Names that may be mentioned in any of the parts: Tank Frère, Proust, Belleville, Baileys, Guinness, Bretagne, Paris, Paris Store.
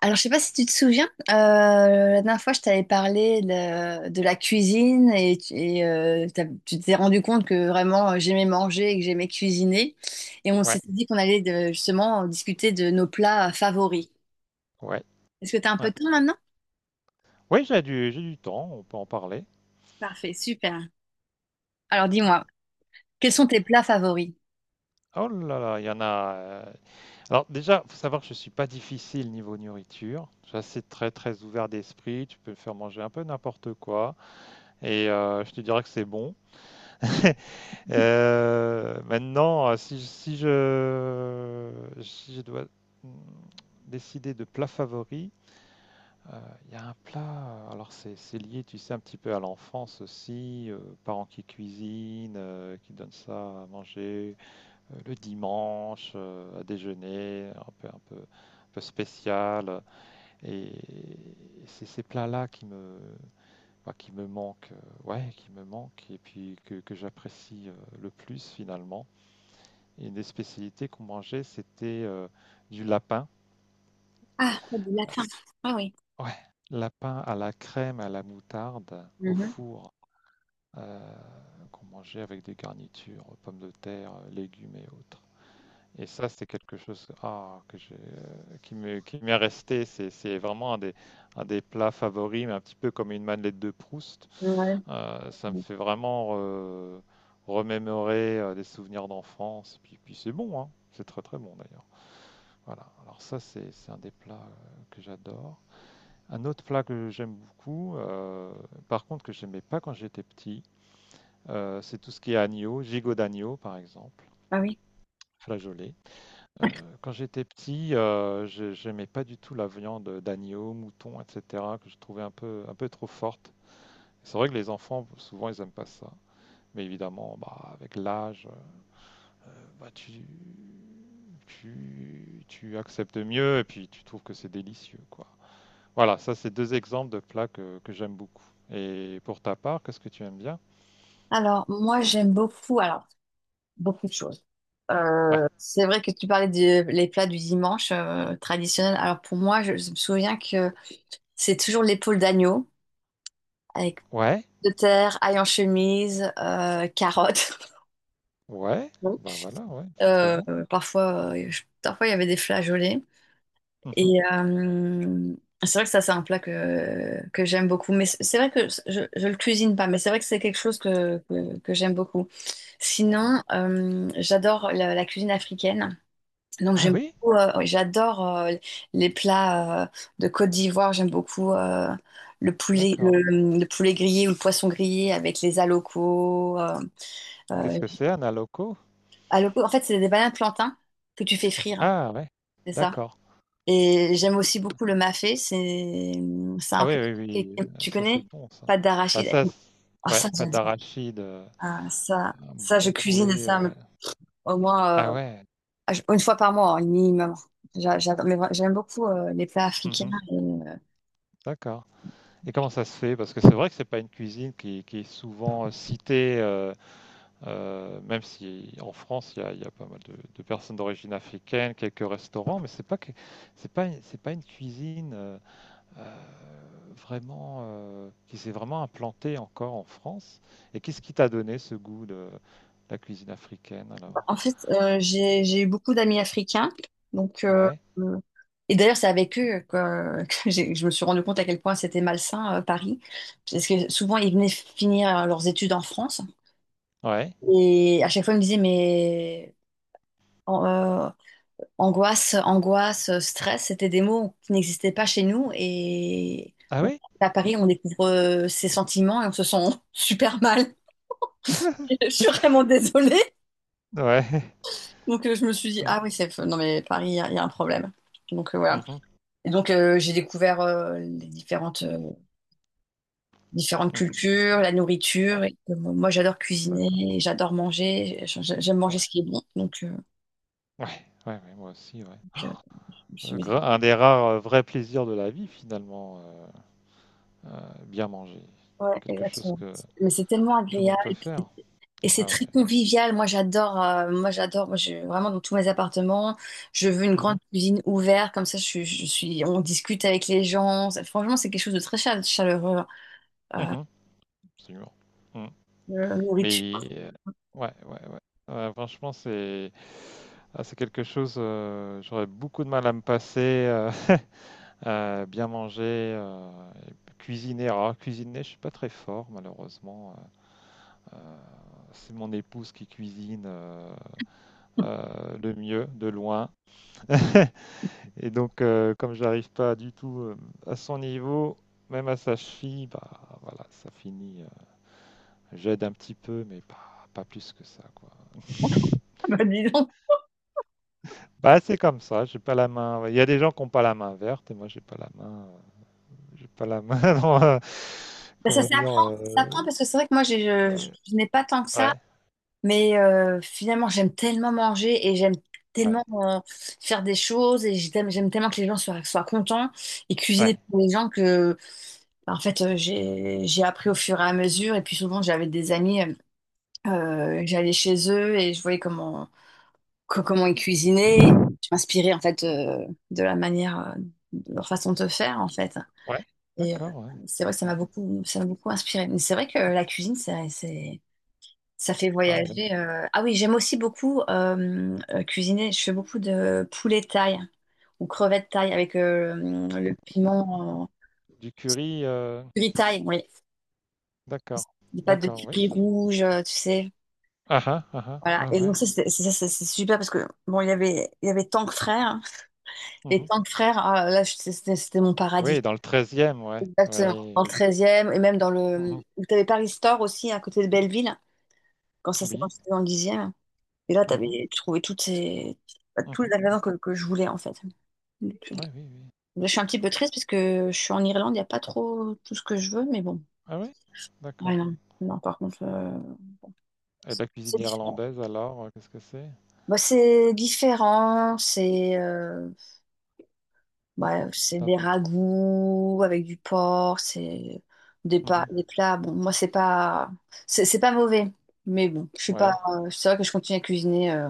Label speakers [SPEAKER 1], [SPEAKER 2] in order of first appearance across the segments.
[SPEAKER 1] Alors, je sais pas si tu te souviens, la dernière fois, je t'avais parlé de la cuisine et tu t'es rendu compte que vraiment j'aimais manger et que j'aimais cuisiner. Et on
[SPEAKER 2] Ouais,
[SPEAKER 1] s'était dit qu'on allait justement discuter de nos plats favoris.
[SPEAKER 2] ouais,
[SPEAKER 1] Est-ce que tu as un peu
[SPEAKER 2] ouais.
[SPEAKER 1] de temps maintenant?
[SPEAKER 2] Oui, j'ai du temps, on peut en parler.
[SPEAKER 1] Parfait, super. Alors, dis-moi, quels sont tes plats favoris?
[SPEAKER 2] Oh là là, il y en a. Alors déjà, faut savoir que je suis pas difficile niveau nourriture. Je suis assez très très ouvert d'esprit. Tu peux me faire manger un peu n'importe quoi et je te dirais que c'est bon. Maintenant, si je dois mm, décider de plat favori. Euh, Il y a un plat, alors c'est lié, tu sais, un petit peu à l'enfance aussi, parents qui cuisinent, qui donnent ça à manger le dimanche, à déjeuner, un peu, un peu, un peu spécial. Et, c'est ces plats-là bah, qui me manquent, ouais, qui me manquent, et puis que j'apprécie le plus finalement. Et une des spécialités qu'on mangeait, c'était du lapin.
[SPEAKER 1] Ah, du latin. Ah oui.
[SPEAKER 2] Ouais, lapin à la crème, à la moutarde, au
[SPEAKER 1] Mhm.
[SPEAKER 2] four. euh, qu'on mangeait avec des garnitures, pommes de terre, légumes et autres. Et ça, c'est quelque chose ah, que j'ai, qui m'est resté. C'est vraiment un des plats favoris, mais un petit peu comme une madeleine de Proust.
[SPEAKER 1] Ouais.
[SPEAKER 2] Ça me fait vraiment remémorer des souvenirs d'enfance. Puis c'est bon, hein. C'est très très bon d'ailleurs. Voilà. Alors ça, c'est un des plats que j'adore. Un autre plat que j'aime beaucoup, par contre que j'aimais pas quand j'étais petit, c'est tout ce qui est agneau, gigot d'agneau par exemple,
[SPEAKER 1] Ah oui.
[SPEAKER 2] flageolet. Quand j'étais petit, j'aimais pas du tout la viande d'agneau, mouton, etc., que je trouvais un peu trop forte. C'est vrai que les enfants, souvent, ils aiment pas ça. Mais évidemment, bah, avec l'âge, bah, tu acceptes mieux et puis tu trouves que c'est délicieux, quoi. Voilà, ça, c'est deux exemples de plats que j'aime beaucoup. Et pour ta part, qu'est-ce que tu aimes bien?
[SPEAKER 1] Alors, moi, j'aime beaucoup, alors, beaucoup de choses.
[SPEAKER 2] Ouais,
[SPEAKER 1] C'est vrai que tu parlais des les plats du dimanche traditionnels. Alors pour moi, je me souviens que c'est toujours l'épaule d'agneau avec
[SPEAKER 2] ouais,
[SPEAKER 1] de terre, ail en chemise, carottes.
[SPEAKER 2] ouais,
[SPEAKER 1] Bon.
[SPEAKER 2] bah voilà, ouais, c'est très
[SPEAKER 1] Euh,
[SPEAKER 2] bon.
[SPEAKER 1] parfois, parfois il y avait des flageolets.
[SPEAKER 2] Mhm.
[SPEAKER 1] Et c'est vrai que ça, c'est un plat que j'aime beaucoup. Mais c'est vrai que je le cuisine pas, mais c'est vrai que c'est quelque chose que j'aime beaucoup.
[SPEAKER 2] Ouais.
[SPEAKER 1] Sinon, j'adore la cuisine africaine. Donc
[SPEAKER 2] Ah
[SPEAKER 1] j'aime
[SPEAKER 2] oui?
[SPEAKER 1] beaucoup, j'adore les plats de Côte d'Ivoire. J'aime beaucoup le poulet,
[SPEAKER 2] D'accord.
[SPEAKER 1] le poulet grillé ou le poisson grillé avec les alocos.
[SPEAKER 2] Qu'est-ce
[SPEAKER 1] Euh,
[SPEAKER 2] que c'est un aloco?
[SPEAKER 1] alocos, en fait, c'est des bananes plantains que tu fais frire,
[SPEAKER 2] Ah ouais,
[SPEAKER 1] c'est ça.
[SPEAKER 2] d'accord.
[SPEAKER 1] Et j'aime aussi beaucoup le mafé. C'est un
[SPEAKER 2] Ah oui,
[SPEAKER 1] plat
[SPEAKER 2] oui, oui,
[SPEAKER 1] tu
[SPEAKER 2] ça c'est
[SPEAKER 1] connais?
[SPEAKER 2] bon ça.
[SPEAKER 1] Pâte
[SPEAKER 2] Bah
[SPEAKER 1] d'arachide.
[SPEAKER 2] ça,
[SPEAKER 1] Ah
[SPEAKER 2] ouais,
[SPEAKER 1] ça
[SPEAKER 2] pâte
[SPEAKER 1] j'adore.
[SPEAKER 2] d'arachide,
[SPEAKER 1] Ah, ça
[SPEAKER 2] un
[SPEAKER 1] ça je
[SPEAKER 2] bon
[SPEAKER 1] cuisine
[SPEAKER 2] poulet.
[SPEAKER 1] ça
[SPEAKER 2] euh,
[SPEAKER 1] mais
[SPEAKER 2] ouais.
[SPEAKER 1] au moins
[SPEAKER 2] Ah ouais,
[SPEAKER 1] une fois par mois hein, minimum. J'aime beaucoup les plats africains.
[SPEAKER 2] mhm, d'accord. Et comment ça se fait? Parce que c'est vrai que c'est pas une cuisine qui est souvent citée, même si en France il y a pas mal de personnes d'origine africaine, quelques restaurants, mais c'est pas que, c'est pas une cuisine. Vraiment, qui s'est vraiment implanté encore en France. Et qu'est-ce qui t'a donné ce goût de la cuisine africaine alors?
[SPEAKER 1] En fait, j'ai eu beaucoup d'amis africains, donc
[SPEAKER 2] Ouais,
[SPEAKER 1] euh, et d'ailleurs c'est avec eux que que je me suis rendu compte à quel point c'était malsain Paris, parce que souvent ils venaient finir leurs études en France
[SPEAKER 2] ouais.
[SPEAKER 1] et à chaque fois ils me disaient mais an- euh, angoisse, angoisse, stress, c'était des mots qui n'existaient pas chez nous et
[SPEAKER 2] Ah
[SPEAKER 1] on-
[SPEAKER 2] oui?
[SPEAKER 1] à Paris on découvre ces sentiments et on se sent super mal. Je suis vraiment désolée.
[SPEAKER 2] Ouais.
[SPEAKER 1] Donc je me suis dit,
[SPEAKER 2] Mm,
[SPEAKER 1] ah oui, c'est... Non mais Paris, il y a un problème. Donc voilà.
[SPEAKER 2] mhm,
[SPEAKER 1] Et donc j'ai découvert les différentes
[SPEAKER 2] mm.
[SPEAKER 1] cultures, la
[SPEAKER 2] Ouais,
[SPEAKER 1] nourriture. Et, que moi, j'adore
[SPEAKER 2] d'accord.
[SPEAKER 1] cuisiner, j'adore manger, j'aime manger
[SPEAKER 2] Ouais,
[SPEAKER 1] ce qui est bon. Donc,
[SPEAKER 2] ouais, ouais, ouais, moi aussi, ouais.
[SPEAKER 1] donc, euh, je me suis dit,
[SPEAKER 2] Un des rares vrais plaisirs de la vie, finalement, bien manger.
[SPEAKER 1] ouais,
[SPEAKER 2] Quelque chose
[SPEAKER 1] exactement.
[SPEAKER 2] que
[SPEAKER 1] Mais c'est tellement
[SPEAKER 2] tout le
[SPEAKER 1] agréable
[SPEAKER 2] monde peut
[SPEAKER 1] et puis
[SPEAKER 2] faire.
[SPEAKER 1] c'est
[SPEAKER 2] Ah
[SPEAKER 1] très
[SPEAKER 2] ouais.
[SPEAKER 1] convivial. Moi j'adore, moi, j'ai vraiment dans tous mes appartements, je veux une grande
[SPEAKER 2] Mhm,
[SPEAKER 1] cuisine ouverte, comme ça je suis, on discute avec les gens. Franchement, c'est quelque chose de très chaleureux, hein,
[SPEAKER 2] mhm, absolument. Mmh.
[SPEAKER 1] la nourriture.
[SPEAKER 2] Mais ouais, ouais, ouais. Ouais, franchement, c'est quelque chose. J'aurais beaucoup de mal à me passer. euh, bien manger, et cuisiner. Alors, cuisiner, je suis pas très fort, malheureusement. Euh, euh, c'est mon épouse qui cuisine le mieux, de loin. Et donc, comme j'arrive pas du tout à son niveau, même à sa cheville, bah voilà, ça finit. J'aide un petit peu, mais pas plus que ça, quoi.
[SPEAKER 1] Bah, dis donc.
[SPEAKER 2] Bah, c'est comme ça, j'ai pas la main, ouais. Il y a des gens qui n'ont pas la main verte et moi j'ai pas la main. J'ai pas la main. dans,
[SPEAKER 1] Ben,
[SPEAKER 2] comment dire euh,
[SPEAKER 1] ça s'apprend parce que c'est vrai que moi,
[SPEAKER 2] Ouais,
[SPEAKER 1] je n'ai pas tant que ça,
[SPEAKER 2] ouais,
[SPEAKER 1] mais finalement, j'aime tellement manger et j'aime tellement
[SPEAKER 2] ouais,
[SPEAKER 1] faire des choses et j'aime tellement que les gens soient contents et cuisiner
[SPEAKER 2] ouais.
[SPEAKER 1] pour les gens ben, en fait, j'ai appris au fur et à mesure. Et puis souvent, j'avais des amis, j'allais chez eux et je voyais comment ils cuisinaient. Je m'inspirais, en fait, de la manière, de leur façon de faire, en fait.
[SPEAKER 2] ouais,
[SPEAKER 1] Et
[SPEAKER 2] d'accord, ouais.
[SPEAKER 1] c'est vrai que
[SPEAKER 2] Mm.
[SPEAKER 1] ça m'a beaucoup inspiré. Mais c'est vrai que la cuisine, ça fait
[SPEAKER 2] Ah ouais.
[SPEAKER 1] voyager. Ah oui, j'aime aussi beaucoup cuisiner. Je fais beaucoup de poulet thaï ou crevettes thaï avec le piment
[SPEAKER 2] Du curry,
[SPEAKER 1] curry thaï, oui.
[SPEAKER 2] d'accord,
[SPEAKER 1] Des pâtes de
[SPEAKER 2] d'accord, oui.
[SPEAKER 1] curry rouge, tu sais.
[SPEAKER 2] Ah ah, ah ah,
[SPEAKER 1] Voilà.
[SPEAKER 2] ah
[SPEAKER 1] Et
[SPEAKER 2] ouais.
[SPEAKER 1] donc ça, c'est super parce que bon, il y avait Tank Frère, hein. Et
[SPEAKER 2] mhm.
[SPEAKER 1] Tank Frère, ah, là, c'était mon
[SPEAKER 2] Oui,
[SPEAKER 1] paradis.
[SPEAKER 2] dans le treizième e ouais.
[SPEAKER 1] Exactement.
[SPEAKER 2] Oui.
[SPEAKER 1] Dans le treizième et même dans
[SPEAKER 2] mhm.
[SPEAKER 1] le... Vous avez Paris Store aussi à côté de Belleville, quand ça s'est
[SPEAKER 2] Oui.
[SPEAKER 1] passé dans le dixième. Et là,
[SPEAKER 2] mhm,
[SPEAKER 1] t'avais trouvé toutes ces... bah, tous les
[SPEAKER 2] mhm,
[SPEAKER 1] ingrédients
[SPEAKER 2] mhm.
[SPEAKER 1] que je voulais, en fait. Donc,
[SPEAKER 2] Ouais, oui, oui.
[SPEAKER 1] là, je suis un petit peu triste parce que je suis en Irlande, il n'y a pas trop tout ce que je veux, mais bon.
[SPEAKER 2] Ah oui,
[SPEAKER 1] Ouais,
[SPEAKER 2] d'accord.
[SPEAKER 1] non. Non, par contre,
[SPEAKER 2] Et
[SPEAKER 1] c'est
[SPEAKER 2] la
[SPEAKER 1] c'est
[SPEAKER 2] cuisine
[SPEAKER 1] différent.
[SPEAKER 2] irlandaise alors, qu'est-ce que c'est?
[SPEAKER 1] Bah, c'est différent, c'est bah, c'est
[SPEAKER 2] Ça...
[SPEAKER 1] des ragoûts avec du porc, c'est
[SPEAKER 2] mhm,
[SPEAKER 1] des plats. Bon, moi, c'est pas... C'est pas mauvais, mais bon, je suis pas...
[SPEAKER 2] Ouais.
[SPEAKER 1] C'est vrai que je continue à cuisiner.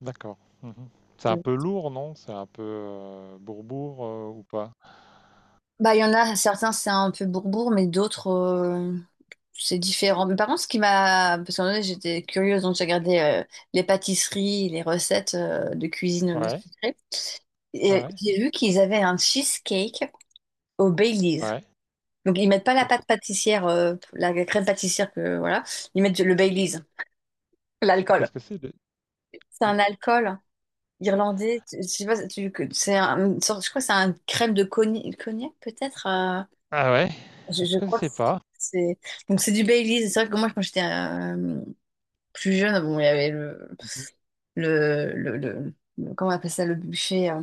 [SPEAKER 2] D'accord. Mmh. C'est un peu lourd, non? C'est un peu, bourre-bourre, ou pas?
[SPEAKER 1] Bah, il y en a certains, c'est un peu bourbourg, mais d'autres, c'est différent. Mais par contre, ce qui m'a. Parce qu'en vrai, j'étais curieuse, donc j'ai regardé les pâtisseries, les recettes de cuisine
[SPEAKER 2] Ouais,
[SPEAKER 1] sucrée. Et
[SPEAKER 2] ouais,
[SPEAKER 1] j'ai vu qu'ils avaient un cheesecake au Baileys.
[SPEAKER 2] ouais.
[SPEAKER 1] Donc, ils mettent pas la
[SPEAKER 2] Co co
[SPEAKER 1] pâte pâtissière, la crème pâtissière, que, voilà. Ils mettent le Baileys,
[SPEAKER 2] c'est
[SPEAKER 1] l'alcool.
[SPEAKER 2] Qu'est-ce que c'est de
[SPEAKER 1] C'est
[SPEAKER 2] de
[SPEAKER 1] un alcool irlandais. Je sais pas, c'est une sorte- je crois que c'est un crème de cognac, cognac peut-être.
[SPEAKER 2] ah ouais? Je
[SPEAKER 1] Je crois que
[SPEAKER 2] connaissais pas.
[SPEAKER 1] c'est... Donc c'est du Baileys. C'est vrai que moi, quand j'étais plus jeune, bon, il y avait le...
[SPEAKER 2] Mmh mh.
[SPEAKER 1] comment on appelle ça, le buffet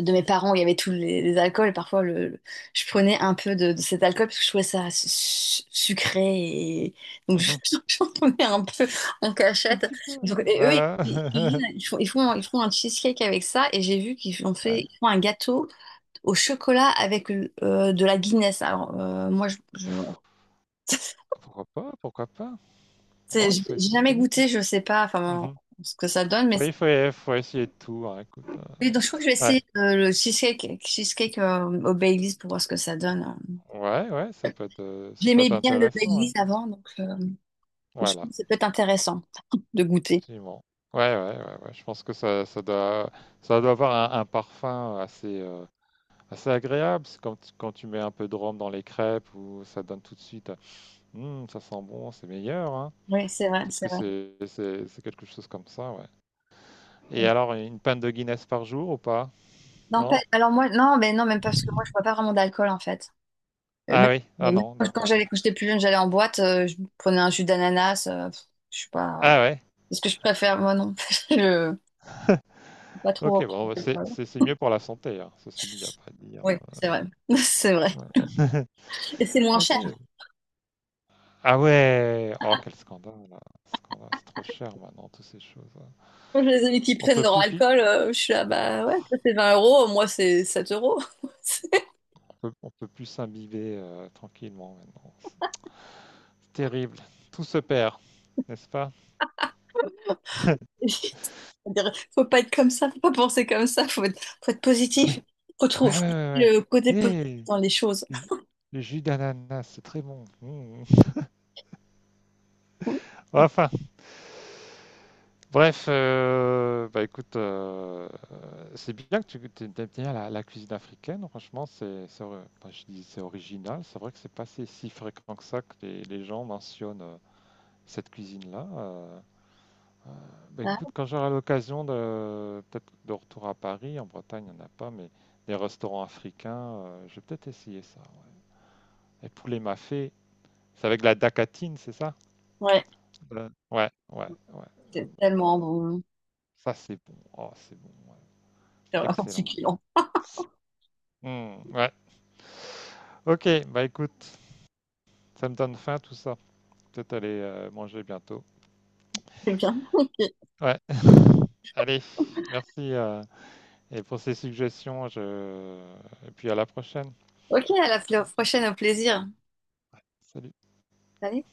[SPEAKER 1] de mes parents, où il y avait tous les alcools. Et parfois, je prenais un peu de cet alcool parce que je trouvais ça sucré. Et... Donc je-
[SPEAKER 2] Mmh.
[SPEAKER 1] j'en prenais un peu en cachette. Donc, et eux,
[SPEAKER 2] Voilà.
[SPEAKER 1] ils font un cheesecake avec ça. Et j'ai vu
[SPEAKER 2] Ouais.
[SPEAKER 1] ils font un gâteau au chocolat avec de la Guinness. Alors moi, voilà.
[SPEAKER 2] Pourquoi pas? Pourquoi pas? Non, il
[SPEAKER 1] J'ai
[SPEAKER 2] faut
[SPEAKER 1] j'ai
[SPEAKER 2] essayer.
[SPEAKER 1] jamais goûté, je sais pas enfin, bon,
[SPEAKER 2] Mmh.
[SPEAKER 1] ce que ça donne, mais
[SPEAKER 2] Faut il faut il faut essayer de tout, hein, écoute,
[SPEAKER 1] oui, donc je crois que je vais
[SPEAKER 2] ouais.
[SPEAKER 1] essayer cheesecake au Baileys pour voir ce que ça donne, hein.
[SPEAKER 2] Ouais, ouais, ça peut
[SPEAKER 1] J'aimais
[SPEAKER 2] être
[SPEAKER 1] bien le
[SPEAKER 2] intéressant,
[SPEAKER 1] Baileys
[SPEAKER 2] hein.
[SPEAKER 1] avant, donc je pense que
[SPEAKER 2] Voilà,
[SPEAKER 1] ça peut être intéressant de goûter.
[SPEAKER 2] absolument. Ouais, ouais, ouais, ouais, je pense que ça doit avoir un parfum assez. C'est agréable, c'est quand, quand tu mets un peu de rhum dans les crêpes ou ça donne tout de suite, hum, ça sent bon, c'est meilleur, hein.
[SPEAKER 1] Oui, c'est vrai,
[SPEAKER 2] Peut-être
[SPEAKER 1] c'est
[SPEAKER 2] que
[SPEAKER 1] vrai.
[SPEAKER 2] c'est quelque chose comme ça, ouais. Et
[SPEAKER 1] Oui.
[SPEAKER 2] alors, une pinte de Guinness par jour ou pas?
[SPEAKER 1] Non,
[SPEAKER 2] Non?
[SPEAKER 1] alors moi, non, mais non, même pas, parce que moi, je bois pas vraiment d'alcool, en fait. Même,
[SPEAKER 2] Ah oui, ah
[SPEAKER 1] même
[SPEAKER 2] non,
[SPEAKER 1] quand
[SPEAKER 2] d'accord.
[SPEAKER 1] j'allais, quand j'étais plus jeune, j'allais en boîte, je prenais un jus d'ananas, je suis pas...
[SPEAKER 2] Ah ouais,
[SPEAKER 1] Est-ce que je préfère? Moi, non. Je... Pas trop.
[SPEAKER 2] ok, bon, bah, c'est
[SPEAKER 1] Voilà.
[SPEAKER 2] c'est- c'est mieux pour la santé, hein. Ceci dit, il n'y a pas à dire.
[SPEAKER 1] Oui, c'est vrai.
[SPEAKER 2] Ouais.
[SPEAKER 1] C'est vrai.
[SPEAKER 2] Ouais.
[SPEAKER 1] Et c'est moins
[SPEAKER 2] Ok.
[SPEAKER 1] cher.
[SPEAKER 2] Ah ouais, oh quel scandale, là. Scandale, c'est trop cher maintenant, toutes ces choses, hein.
[SPEAKER 1] Les amis qui
[SPEAKER 2] On
[SPEAKER 1] prennent
[SPEAKER 2] peut
[SPEAKER 1] leur
[SPEAKER 2] plus pi-
[SPEAKER 1] alcool, je suis là, bah ouais, toi c'est 20 euros, moi c'est 7 euros.
[SPEAKER 2] on peut plus s'imbiber tranquillement maintenant. Terrible. Tout se perd, n'est-ce pas?
[SPEAKER 1] C'est- c'est-à-dire, faut pas être comme ça, faut pas penser comme ça, faut être positif.
[SPEAKER 2] Oui. Ouais, ouais,
[SPEAKER 1] Faut
[SPEAKER 2] ouais, ouais.
[SPEAKER 1] trouver le côté
[SPEAKER 2] Eh,
[SPEAKER 1] positif dans
[SPEAKER 2] le
[SPEAKER 1] les choses.
[SPEAKER 2] jus le jus d'ananas, c'est très bon. Mmh. Enfin, bref, bah écoute, c'est bien que tu aimes bien la cuisine africaine. Franchement, enfin, je dis c'est original. C'est vrai que c'est pas si fréquent que ça que les gens mentionnent cette cuisine-là. Euh, Bah,
[SPEAKER 1] Ah,
[SPEAKER 2] écoute, quand j'aurai l'occasion de peut-être de retour à Paris, en Bretagne, il n'y en a pas, mais des restaurants africains, je vais peut-être essayer ça, ouais. Et poulet mafé, c'est avec la dacatine, c'est ça?
[SPEAKER 1] ouais,
[SPEAKER 2] Ouais, ouais, ouais.
[SPEAKER 1] c'est
[SPEAKER 2] Euh,
[SPEAKER 1] tellement bon.
[SPEAKER 2] Ça, c'est bon. Oh, c'est bon, ouais.
[SPEAKER 1] C'est vraiment
[SPEAKER 2] Excellent.
[SPEAKER 1] succulent.
[SPEAKER 2] Hmm, ouais. Ok, bah écoute, ça me donne faim tout ça. Peut-être aller manger bientôt.
[SPEAKER 1] C'est bien. Ok,
[SPEAKER 2] Ouais. Allez, merci et pour ces suggestions. Et puis à la prochaine.
[SPEAKER 1] ok, à la prochaine, au plaisir.
[SPEAKER 2] Salut.
[SPEAKER 1] Salut.